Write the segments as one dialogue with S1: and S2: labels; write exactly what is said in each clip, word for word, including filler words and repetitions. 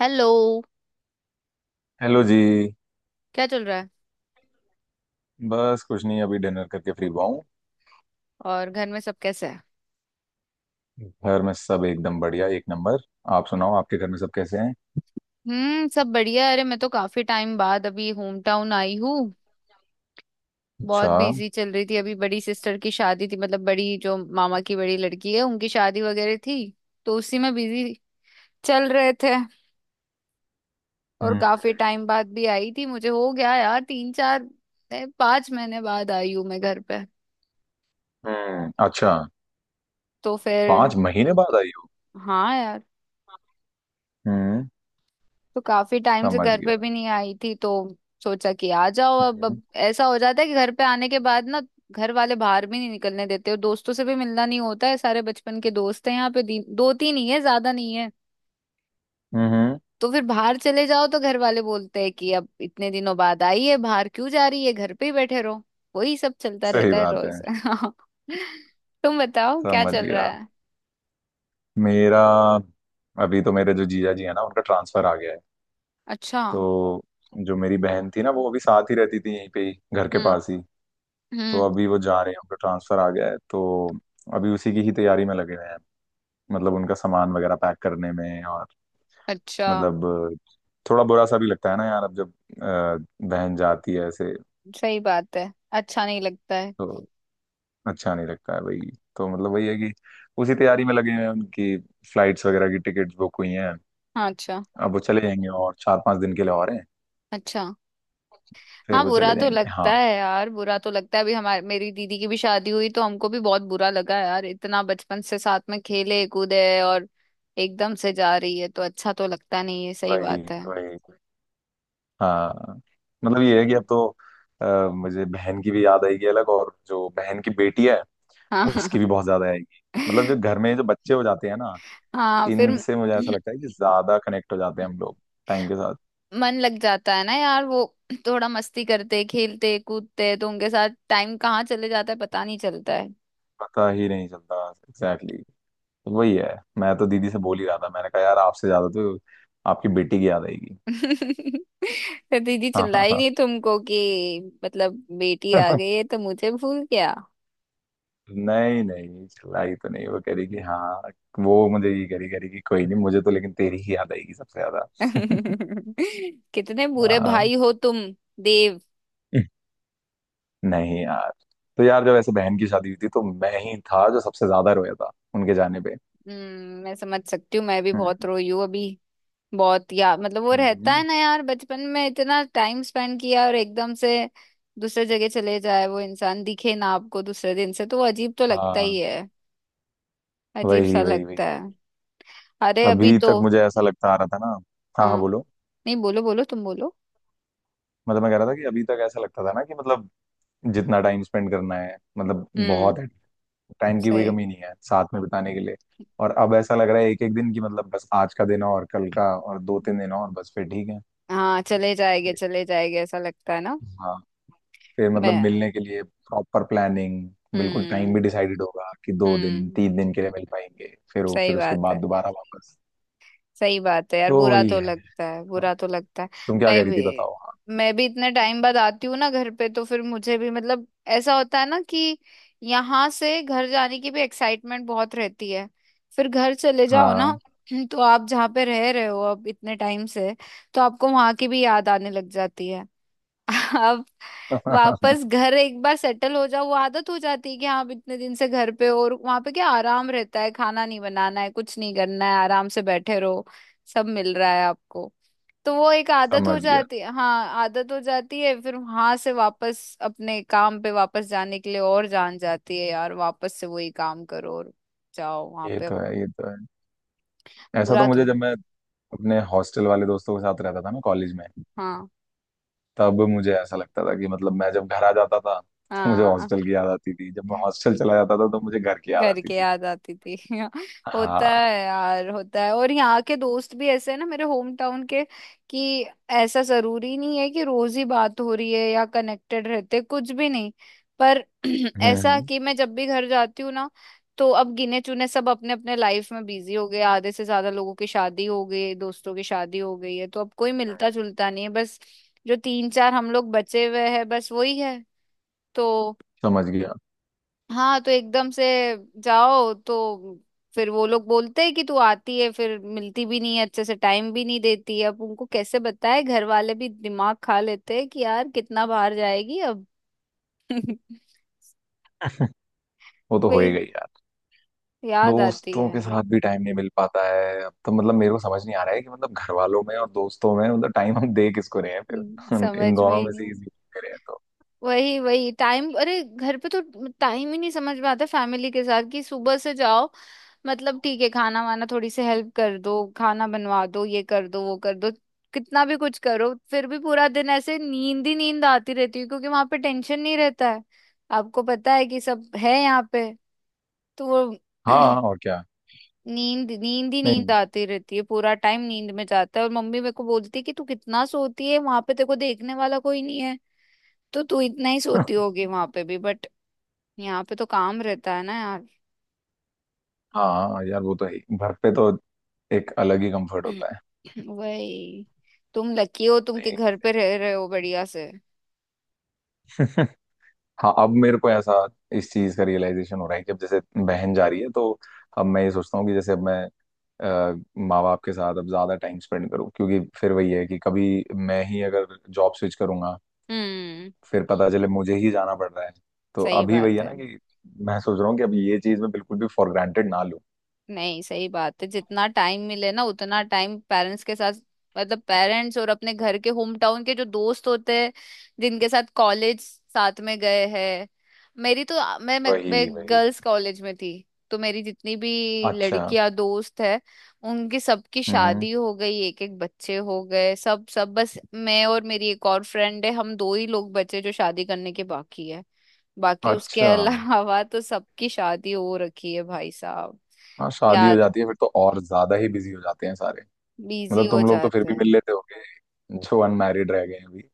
S1: Hello.
S2: Hello जी।
S1: क्या चल रहा है?
S2: बस कुछ नहीं, अभी डिनर करके फ्री हुआ हूँ।
S1: और घर में सब कैसे है?
S2: घर में सब एकदम बढ़िया, एक नंबर। आप सुनाओ, आपके घर में सब कैसे हैं।
S1: हम्म, सब बढ़िया है। अरे, मैं तो काफी टाइम बाद अभी होम टाउन आई हूँ। बहुत
S2: अच्छा।
S1: बिजी चल रही थी, अभी बड़ी सिस्टर की शादी थी, मतलब बड़ी जो मामा की बड़ी लड़की है उनकी शादी वगैरह थी, तो उसी में बिजी चल रहे थे। और
S2: हम्म।
S1: काफी टाइम बाद भी आई थी, मुझे हो गया यार तीन चार ए, पाँच महीने बाद आई हूँ मैं घर पे।
S2: हम्म। अच्छा,
S1: तो फिर
S2: पांच महीने बाद आई हो।
S1: हाँ यार,
S2: हम्म,
S1: तो काफी टाइम से
S2: समझ
S1: घर पे
S2: गया।
S1: भी नहीं आई थी, तो सोचा कि आ जाओ अब
S2: हम्म।
S1: अब ऐसा हो जाता है कि घर पे आने के बाद ना, घर वाले बाहर भी नहीं निकलने देते और दोस्तों से भी मिलना नहीं होता है। सारे बचपन के दोस्त हैं यहाँ पे दी- दो तीन ही है, ज्यादा नहीं है।
S2: हम्म। हम्म,
S1: तो फिर बाहर चले जाओ तो घर वाले बोलते हैं कि अब इतने दिनों बाद आई है, बाहर क्यों जा रही है, घर पे ही बैठे रहो। वही सब चलता
S2: सही
S1: रहता है
S2: बात है।
S1: रोज तुम बताओ क्या
S2: समझ
S1: चल रहा
S2: गया।
S1: है?
S2: मेरा, अभी तो मेरे जो जीजा जी है ना, उनका ट्रांसफर आ गया है।
S1: अच्छा।
S2: तो जो मेरी बहन थी ना, वो अभी साथ ही रहती थी, यहीं पे ही घर के
S1: हम्म
S2: पास ही। तो
S1: हम्म।
S2: अभी वो जा रहे हैं, उनका ट्रांसफर आ गया है। तो अभी उसी की ही तैयारी में लगे हुए हैं, मतलब उनका सामान वगैरह पैक करने में। और
S1: अच्छा।
S2: मतलब थोड़ा बुरा सा भी लगता है ना यार, अब जब अ, बहन जाती है ऐसे
S1: सही बात है। अच्छा नहीं लगता है।
S2: तो। अच्छा नहीं लगता है। वही तो, मतलब वही है कि उसी तैयारी में लगे हुए हैं। उनकी फ्लाइट्स वगैरह की टिकट्स बुक हुई हैं।
S1: हाँ, अच्छा।
S2: अब वो चले जाएंगे, और चार पांच दिन के लिए और हैं।
S1: अच्छा।
S2: फिर
S1: हाँ,
S2: वो
S1: बुरा
S2: चले
S1: तो
S2: जाएंगे।
S1: लगता
S2: हाँ।
S1: है यार, बुरा तो लगता है। अभी हमारे मेरी दीदी की भी शादी हुई तो हमको भी बहुत बुरा लगा यार, इतना बचपन से साथ में खेले कूदे और एकदम से जा रही है, तो अच्छा तो लगता नहीं है। सही
S2: वही
S1: बात है।
S2: वही। हाँ, मतलब ये है कि अब तो अ, मुझे बहन की भी याद आएगी अलग, और जो बहन की बेटी है
S1: हाँ
S2: उसकी भी बहुत ज्यादा आएगी। मतलब जो घर में जो बच्चे हो जाते हैं ना,
S1: हाँ फिर
S2: इनसे मुझे ऐसा लगता है कि ज्यादा कनेक्ट हो जाते हैं हम लोग टाइम के साथ।
S1: मन लग जाता है ना यार, वो थोड़ा मस्ती करते खेलते कूदते तो उनके साथ टाइम कहाँ चले जाता है, पता नहीं चलता है।
S2: पता ही नहीं चलता, एग्जैक्टली exactly। तो वही है, मैं तो दीदी से बोल ही रहा था। मैंने कहा यार आपसे ज्यादा तो आपकी बेटी की याद आएगी।
S1: तो दीदी
S2: हाँ हाँ
S1: चिल्लाई
S2: हाँ।
S1: नहीं तुमको कि मतलब बेटी आ गई है तो मुझे भूल गया?
S2: नहीं, नहीं चिल्लाई तो नहीं। वो कह रही कि हाँ, वो मुझे ये कह रही कह रही कि कोई नहीं, मुझे तो लेकिन तेरी ही याद आएगी सबसे ज्यादा।
S1: कितने बुरे
S2: हाँ।
S1: भाई हो तुम देव।
S2: नहीं यार, तो यार जब ऐसे बहन की शादी हुई थी तो मैं ही था जो सबसे ज्यादा रोया था उनके जाने पे।
S1: हम्म, मैं समझ सकती हूँ, मैं भी
S2: हम्म।
S1: बहुत रोई हूँ अभी बहुत। या मतलब वो रहता है
S2: हम्म।
S1: ना यार, बचपन में इतना टाइम स्पेंड किया और एकदम से दूसरे जगह चले जाए, वो इंसान दिखे ना आपको दूसरे दिन से, तो वो अजीब तो लगता ही
S2: हाँ।
S1: है, अजीब सा
S2: वही वही वही।
S1: लगता है। अरे अभी
S2: अभी
S1: तो
S2: तक मुझे ऐसा लगता आ रहा था ना। हाँ
S1: हाँ,
S2: हाँ, बोलो।
S1: नहीं बोलो बोलो तुम बोलो।
S2: मतलब मैं कह रहा था कि अभी तक ऐसा लगता था ना कि मतलब जितना टाइम स्पेंड करना है, मतलब
S1: हम्म।
S2: बहुत है। टाइम की कोई
S1: सही।
S2: कमी नहीं है साथ में बिताने के लिए। और अब ऐसा लग रहा है एक एक दिन की, मतलब बस आज का दिन और कल का और दो तीन दिन, और बस फिर ठीक है।
S1: हाँ चले जाएंगे
S2: फिर-
S1: चले जाएंगे ऐसा लगता है ना।
S2: हाँ, फिर मतलब
S1: मैं
S2: मिलने के लिए प्रॉपर प्लानिंग, बिल्कुल टाइम भी
S1: हम्म
S2: डिसाइडेड होगा कि दो दिन
S1: हम्म।
S2: तीन दिन के लिए मिल पाएंगे, फिर वो,
S1: सही
S2: फिर उसके
S1: बात
S2: बाद
S1: है,
S2: दोबारा वापस।
S1: सही बात है यार,
S2: तो
S1: बुरा
S2: वही
S1: तो
S2: है।
S1: लगता है,
S2: हाँ,
S1: बुरा तो लगता है।
S2: तुम क्या
S1: मैं
S2: कह रही
S1: भी
S2: थी, बताओ।
S1: मैं भी इतने टाइम बाद आती हूँ ना घर पे, तो फिर मुझे भी मतलब ऐसा होता है ना कि यहाँ से घर जाने की भी एक्साइटमेंट बहुत रहती है। फिर घर चले जाओ ना
S2: हाँ
S1: तो आप जहाँ पे रह रहे हो अब इतने टाइम से, तो आपको वहां की भी याद आने लग जाती है। अब
S2: हाँ।
S1: वापस घर एक बार सेटल हो जाओ, वो आदत हो जाती है कि हाँ अब इतने दिन से घर पे हो, और वहां पे क्या आराम रहता है, खाना नहीं बनाना है, कुछ नहीं करना है, आराम से बैठे रहो, सब मिल रहा है आपको, तो वो एक आदत हो
S2: समझ गया।
S1: जाती है। हाँ आदत हो जाती है, फिर वहां से वापस अपने काम पे वापस जाने के लिए और जान जाती है यार, वापस से वही काम करो और जाओ वहां
S2: ये
S1: पे
S2: तो
S1: अपन-
S2: है, ये तो है। ऐसा तो
S1: बुरा तो
S2: मुझे जब
S1: ना,
S2: मैं अपने हॉस्टल वाले दोस्तों के साथ रहता था ना कॉलेज में,
S1: हाँ
S2: तब मुझे ऐसा लगता था कि मतलब मैं जब घर आ जाता था तो मुझे
S1: हाँ,
S2: हॉस्टल की याद आती थी, जब मैं हॉस्टल चला जाता था तो मुझे घर की याद
S1: घर
S2: आती
S1: के
S2: थी।
S1: याद आती थी होता
S2: हाँ।
S1: है यार होता है, और यहाँ के दोस्त भी ऐसे हैं ना मेरे होम टाउन के, कि ऐसा जरूरी नहीं है कि रोज ही बात हो रही है या कनेक्टेड रहते, कुछ भी नहीं, पर
S2: हम्म
S1: ऐसा
S2: हम्म,
S1: कि मैं जब भी घर जाती हूँ ना, तो अब गिने चुने सब अपने अपने लाइफ में बिजी हो गए, आधे से ज्यादा लोगों की शादी हो गई, दोस्तों की शादी हो गई है, तो अब कोई मिलता जुलता नहीं है बस, जो तीन चार हम लोग बचे हुए हैं बस वही है। तो
S2: समझ गया।
S1: हाँ, तो एकदम से जाओ तो फिर वो लोग बोलते हैं कि तू आती है फिर मिलती भी नहीं है, अच्छे से टाइम भी नहीं देती है। अब उनको कैसे बताए, घर वाले भी दिमाग खा लेते हैं कि यार कितना बाहर जाएगी अब
S2: वो तो हो ही
S1: वही
S2: गई यार।
S1: याद आती
S2: दोस्तों
S1: है।
S2: के साथ भी टाइम नहीं मिल पाता है अब तो। मतलब मेरे को समझ नहीं आ रहा है कि मतलब घर वालों में और दोस्तों में, मतलब टाइम हम दे किसको रहे हैं
S1: हम्म,
S2: फिर, इन
S1: समझ में
S2: दोनों
S1: ही
S2: में से
S1: नहीं।
S2: किसी को दे रहे हैं तो।
S1: वही वही टाइम, अरे घर पे तो टाइम ही नहीं समझ में आता फैमिली के साथ कि सुबह से जाओ, मतलब ठीक है खाना वाना थोड़ी सी हेल्प कर दो, खाना बनवा दो, ये कर दो वो कर दो, कितना भी कुछ करो फिर भी पूरा दिन ऐसे नींद ही नींद आती रहती है, क्योंकि वहां पे टेंशन नहीं रहता है, आपको पता है कि सब है यहाँ पे, तो वो
S2: हाँ, और क्या।
S1: नींद नींद ही नींद
S2: नहीं।
S1: आती रहती है, पूरा टाइम नींद में जाता है और मम्मी मेरे को बोलती है कि तू कितना सोती है, वहां पे तेरे को देखने वाला कोई नहीं है, तो तू इतना ही सोती होगी वहां पे भी, बट यहाँ पे तो काम रहता है ना यार
S2: हाँ यार, वो तो है ही। घर पे तो एक अलग ही कंफर्ट होता है।
S1: वही, तुम लकी हो तुम के
S2: नहीं।
S1: घर पे रह रहे हो बढ़िया से।
S2: हाँ, अब मेरे को ऐसा, इस चीज का रियलाइजेशन हो रहा है कि अब जैसे बहन जा रही है तो अब मैं ये सोचता हूँ कि जैसे अब मैं माँ बाप के साथ अब ज्यादा टाइम स्पेंड करूँ, क्योंकि फिर वही है कि कभी मैं ही अगर जॉब स्विच करूंगा,
S1: हम्म
S2: फिर पता चले मुझे ही जाना पड़ रहा है। तो
S1: सही
S2: अभी वही
S1: बात
S2: है
S1: है,
S2: ना कि मैं सोच रहा हूँ कि अब ये चीज मैं बिल्कुल भी फॉर ग्रांटेड ना लूँ।
S1: नहीं सही बात है, जितना टाइम मिले ना उतना टाइम पेरेंट्स के साथ, मतलब पेरेंट्स और अपने घर के होम टाउन के जो दोस्त होते हैं, जिनके साथ कॉलेज साथ में गए हैं। मेरी तो मैं मैं, मैं
S2: वही वही।
S1: गर्ल्स कॉलेज में थी, तो मेरी जितनी भी
S2: अच्छा।
S1: लड़कियां दोस्त है उनकी सबकी
S2: हम्म।
S1: शादी हो गई, एक एक बच्चे हो गए, सब सब, बस मैं और मेरी एक और फ्रेंड है, हम दो ही लोग बचे जो शादी करने के बाकी है। बाकी उसके
S2: अच्छा।
S1: अलावा तो सबकी शादी हो रखी है भाई साहब।
S2: हाँ, शादी हो
S1: याद,
S2: जाती है फिर तो और ज्यादा ही बिजी हो जाते हैं सारे।
S1: बिजी
S2: मतलब
S1: हो
S2: तुम लोग तो फिर
S1: जाते
S2: भी मिल
S1: हैं।
S2: लेते होगे जो अनमैरिड रह गए हैं अभी,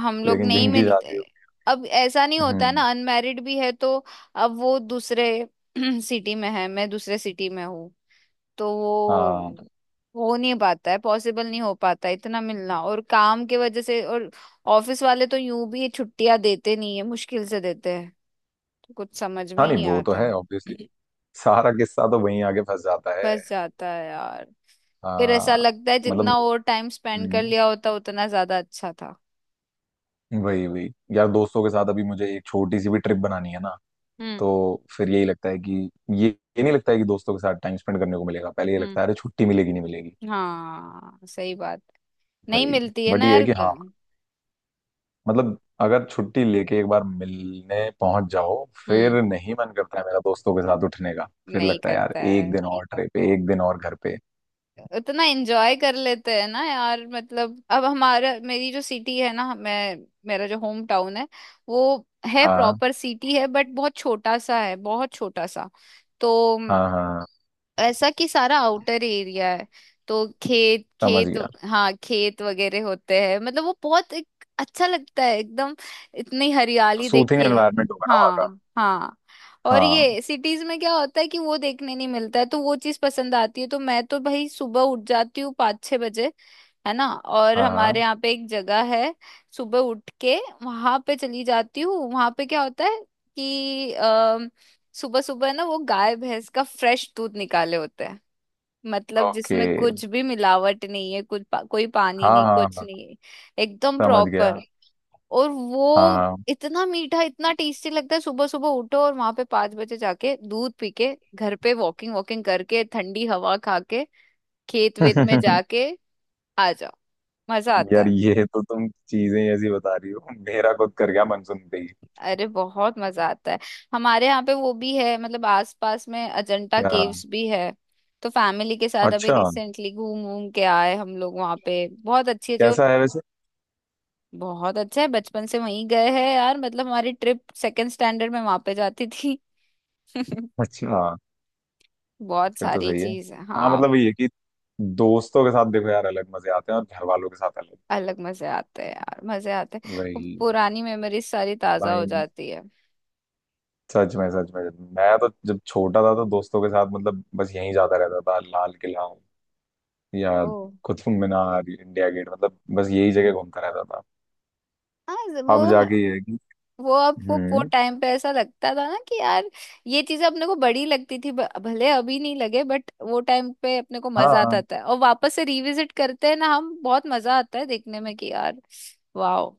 S1: हम लोग
S2: लेकिन
S1: नहीं
S2: जिनकी
S1: मिलते,
S2: शादी हो
S1: अब ऐसा नहीं
S2: गई।
S1: होता ना,
S2: हम्म।
S1: अनमैरिड भी है तो अब वो दूसरे सिटी में है, मैं दूसरे सिटी में हूँ, तो
S2: हाँ।
S1: वो हो नहीं पाता है, पॉसिबल नहीं हो पाता है इतना मिलना, और काम के वजह से, और ऑफिस वाले तो यूं भी छुट्टियां देते नहीं है, मुश्किल से देते हैं, तो कुछ समझ में
S2: हाँ,
S1: ही
S2: नहीं
S1: नहीं
S2: वो तो
S1: आता
S2: है ऑब्वियसली। सारा किस्सा तो वहीं आके फंस जाता है।
S1: फंस जाता है यार, फिर ऐसा
S2: हाँ।
S1: लगता है
S2: मतलब
S1: जितना और टाइम स्पेंड कर
S2: हम्म,
S1: लिया होता उतना ज्यादा अच्छा था।
S2: वही वही। यार दोस्तों के साथ अभी मुझे एक छोटी सी भी ट्रिप बनानी है ना,
S1: हम्म
S2: तो फिर यही लगता है कि ये ये नहीं लगता है कि दोस्तों के साथ टाइम स्पेंड करने को मिलेगा, पहले ये
S1: हम्म।
S2: लगता है अरे छुट्टी मिलेगी नहीं मिलेगी।
S1: हाँ सही बात, नहीं
S2: वही।
S1: मिलती है
S2: बट
S1: ना
S2: ये है
S1: यार
S2: कि हाँ,
S1: ग-
S2: मतलब अगर छुट्टी लेके एक बार मिलने पहुंच जाओ,
S1: हम्म।
S2: फिर नहीं मन करता है मेरा दोस्तों के साथ उठने का। फिर
S1: नहीं
S2: लगता है यार
S1: करता
S2: एक
S1: है,
S2: दिन और ट्रिप पे, एक दिन और घर पे।
S1: उतना एंजॉय कर लेते हैं ना यार। मतलब अब हमारा, मेरी जो सिटी है ना, मैं, मेरा जो होम टाउन है, वो है,
S2: हाँ
S1: प्रॉपर सिटी है बट बहुत छोटा सा है, बहुत छोटा सा, तो
S2: हाँ हाँ। हाँ,
S1: ऐसा कि सारा आउटर एरिया है, तो खेत
S2: समझ
S1: खेत,
S2: गया।
S1: हाँ खेत वगैरह होते हैं, मतलब वो बहुत एक अच्छा लगता है एकदम, इतनी हरियाली देख
S2: सूथिंग
S1: के।
S2: एनवायरनमेंट होगा ना वहाँ का।
S1: हाँ हाँ, और
S2: हाँ
S1: ये सिटीज में क्या होता है कि वो देखने नहीं मिलता है, तो वो चीज पसंद आती है, तो मैं तो भाई सुबह उठ जाती हूँ पाँच छह बजे, है ना, और
S2: हाँ
S1: हमारे
S2: हाँ।
S1: यहाँ पे एक जगह है, सुबह उठ के वहां पे चली जाती हूँ, वहां पे क्या होता है कि सुबह सुबह ना वो गाय भैंस का फ्रेश दूध निकाले होते हैं, मतलब
S2: ओके।
S1: जिसमें कुछ भी मिलावट नहीं है, कुछ पा, कोई पानी
S2: हाँ
S1: नहीं,
S2: हाँ
S1: कुछ
S2: हाँ,
S1: नहीं है, एकदम
S2: समझ गया।
S1: प्रॉपर, और वो
S2: हाँ।
S1: इतना मीठा इतना टेस्टी लगता है, सुबह सुबह उठो और वहां पे पांच बजे जाके दूध पी के घर पे वॉकिंग वॉकिंग करके ठंडी हवा खा के खेत वेत में जाके आ जाओ, मजा आता
S2: यार
S1: है।
S2: ये तो, तुम चीजें ऐसी बता रही हो, मेरा खुद कर गया मन सुनते ही।
S1: अरे बहुत मजा आता है, हमारे यहाँ पे वो भी है, मतलब आसपास में अजंता
S2: क्या।
S1: केव्स भी है, तो फैमिली के साथ अभी
S2: अच्छा,
S1: रिसेंटली घूम घूम के आए हम लोग वहाँ पे, बहुत अच्छी है जो,
S2: कैसा है वैसे।
S1: बहुत अच्छा है, बचपन से वहीं गए हैं यार, मतलब हमारी ट्रिप सेकंड स्टैंडर्ड में वहाँ पे जाती थी
S2: अच्छा,
S1: बहुत
S2: फिर तो
S1: सारी
S2: सही है।
S1: चीज है
S2: हाँ,
S1: हाँ।
S2: मतलब वही है कि दोस्तों के साथ देखो यार अलग मजे आते हैं, और घर वालों के साथ अलग।
S1: अलग मजे आते हैं यार, मजे आते हैं, वो
S2: वही वही।
S1: पुरानी मेमोरीज सारी ताजा हो
S2: भाई,
S1: जाती है।
S2: सच में सच में। मैं तो जब छोटा था तो दोस्तों के साथ, मतलब बस यहीं जाता रहता था, लाल किला या
S1: ओ
S2: कुतुब मीनार, इंडिया गेट, मतलब बस यही जगह घूमता रहता था।
S1: हाँ, वो
S2: अब जाके ये है कि,
S1: वो आपको वो
S2: हम्म,
S1: टाइम पे ऐसा लगता था ना कि यार ये चीजें अपने को बड़ी लगती थी, ब- भले अभी नहीं लगे बट वो टाइम पे अपने को मजा आता
S2: हाँ,
S1: था, और वापस से रिविजिट करते हैं ना हम, बहुत मजा आता है देखने में, कि यार वाओ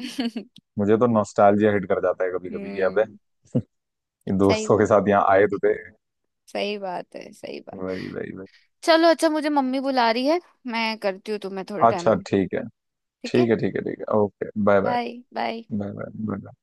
S1: हम्म,
S2: मुझे तो नॉस्टैल्जिया हिट कर जाता है कभी कभी कि अबे, ये
S1: सही
S2: दोस्तों के
S1: बात,
S2: साथ यहाँ आए तो थे।
S1: सही बात है, सही बात।
S2: वही वही वही।
S1: चलो अच्छा, मुझे मम्मी बुला रही है, मैं करती हूँ तुम्हें थोड़े टाइम
S2: अच्छा
S1: में।
S2: ठीक है।
S1: ठीक है।
S2: ठीक है ठीक है ठीक है, okay, bye bye.
S1: Bye bye.
S2: Bye bye.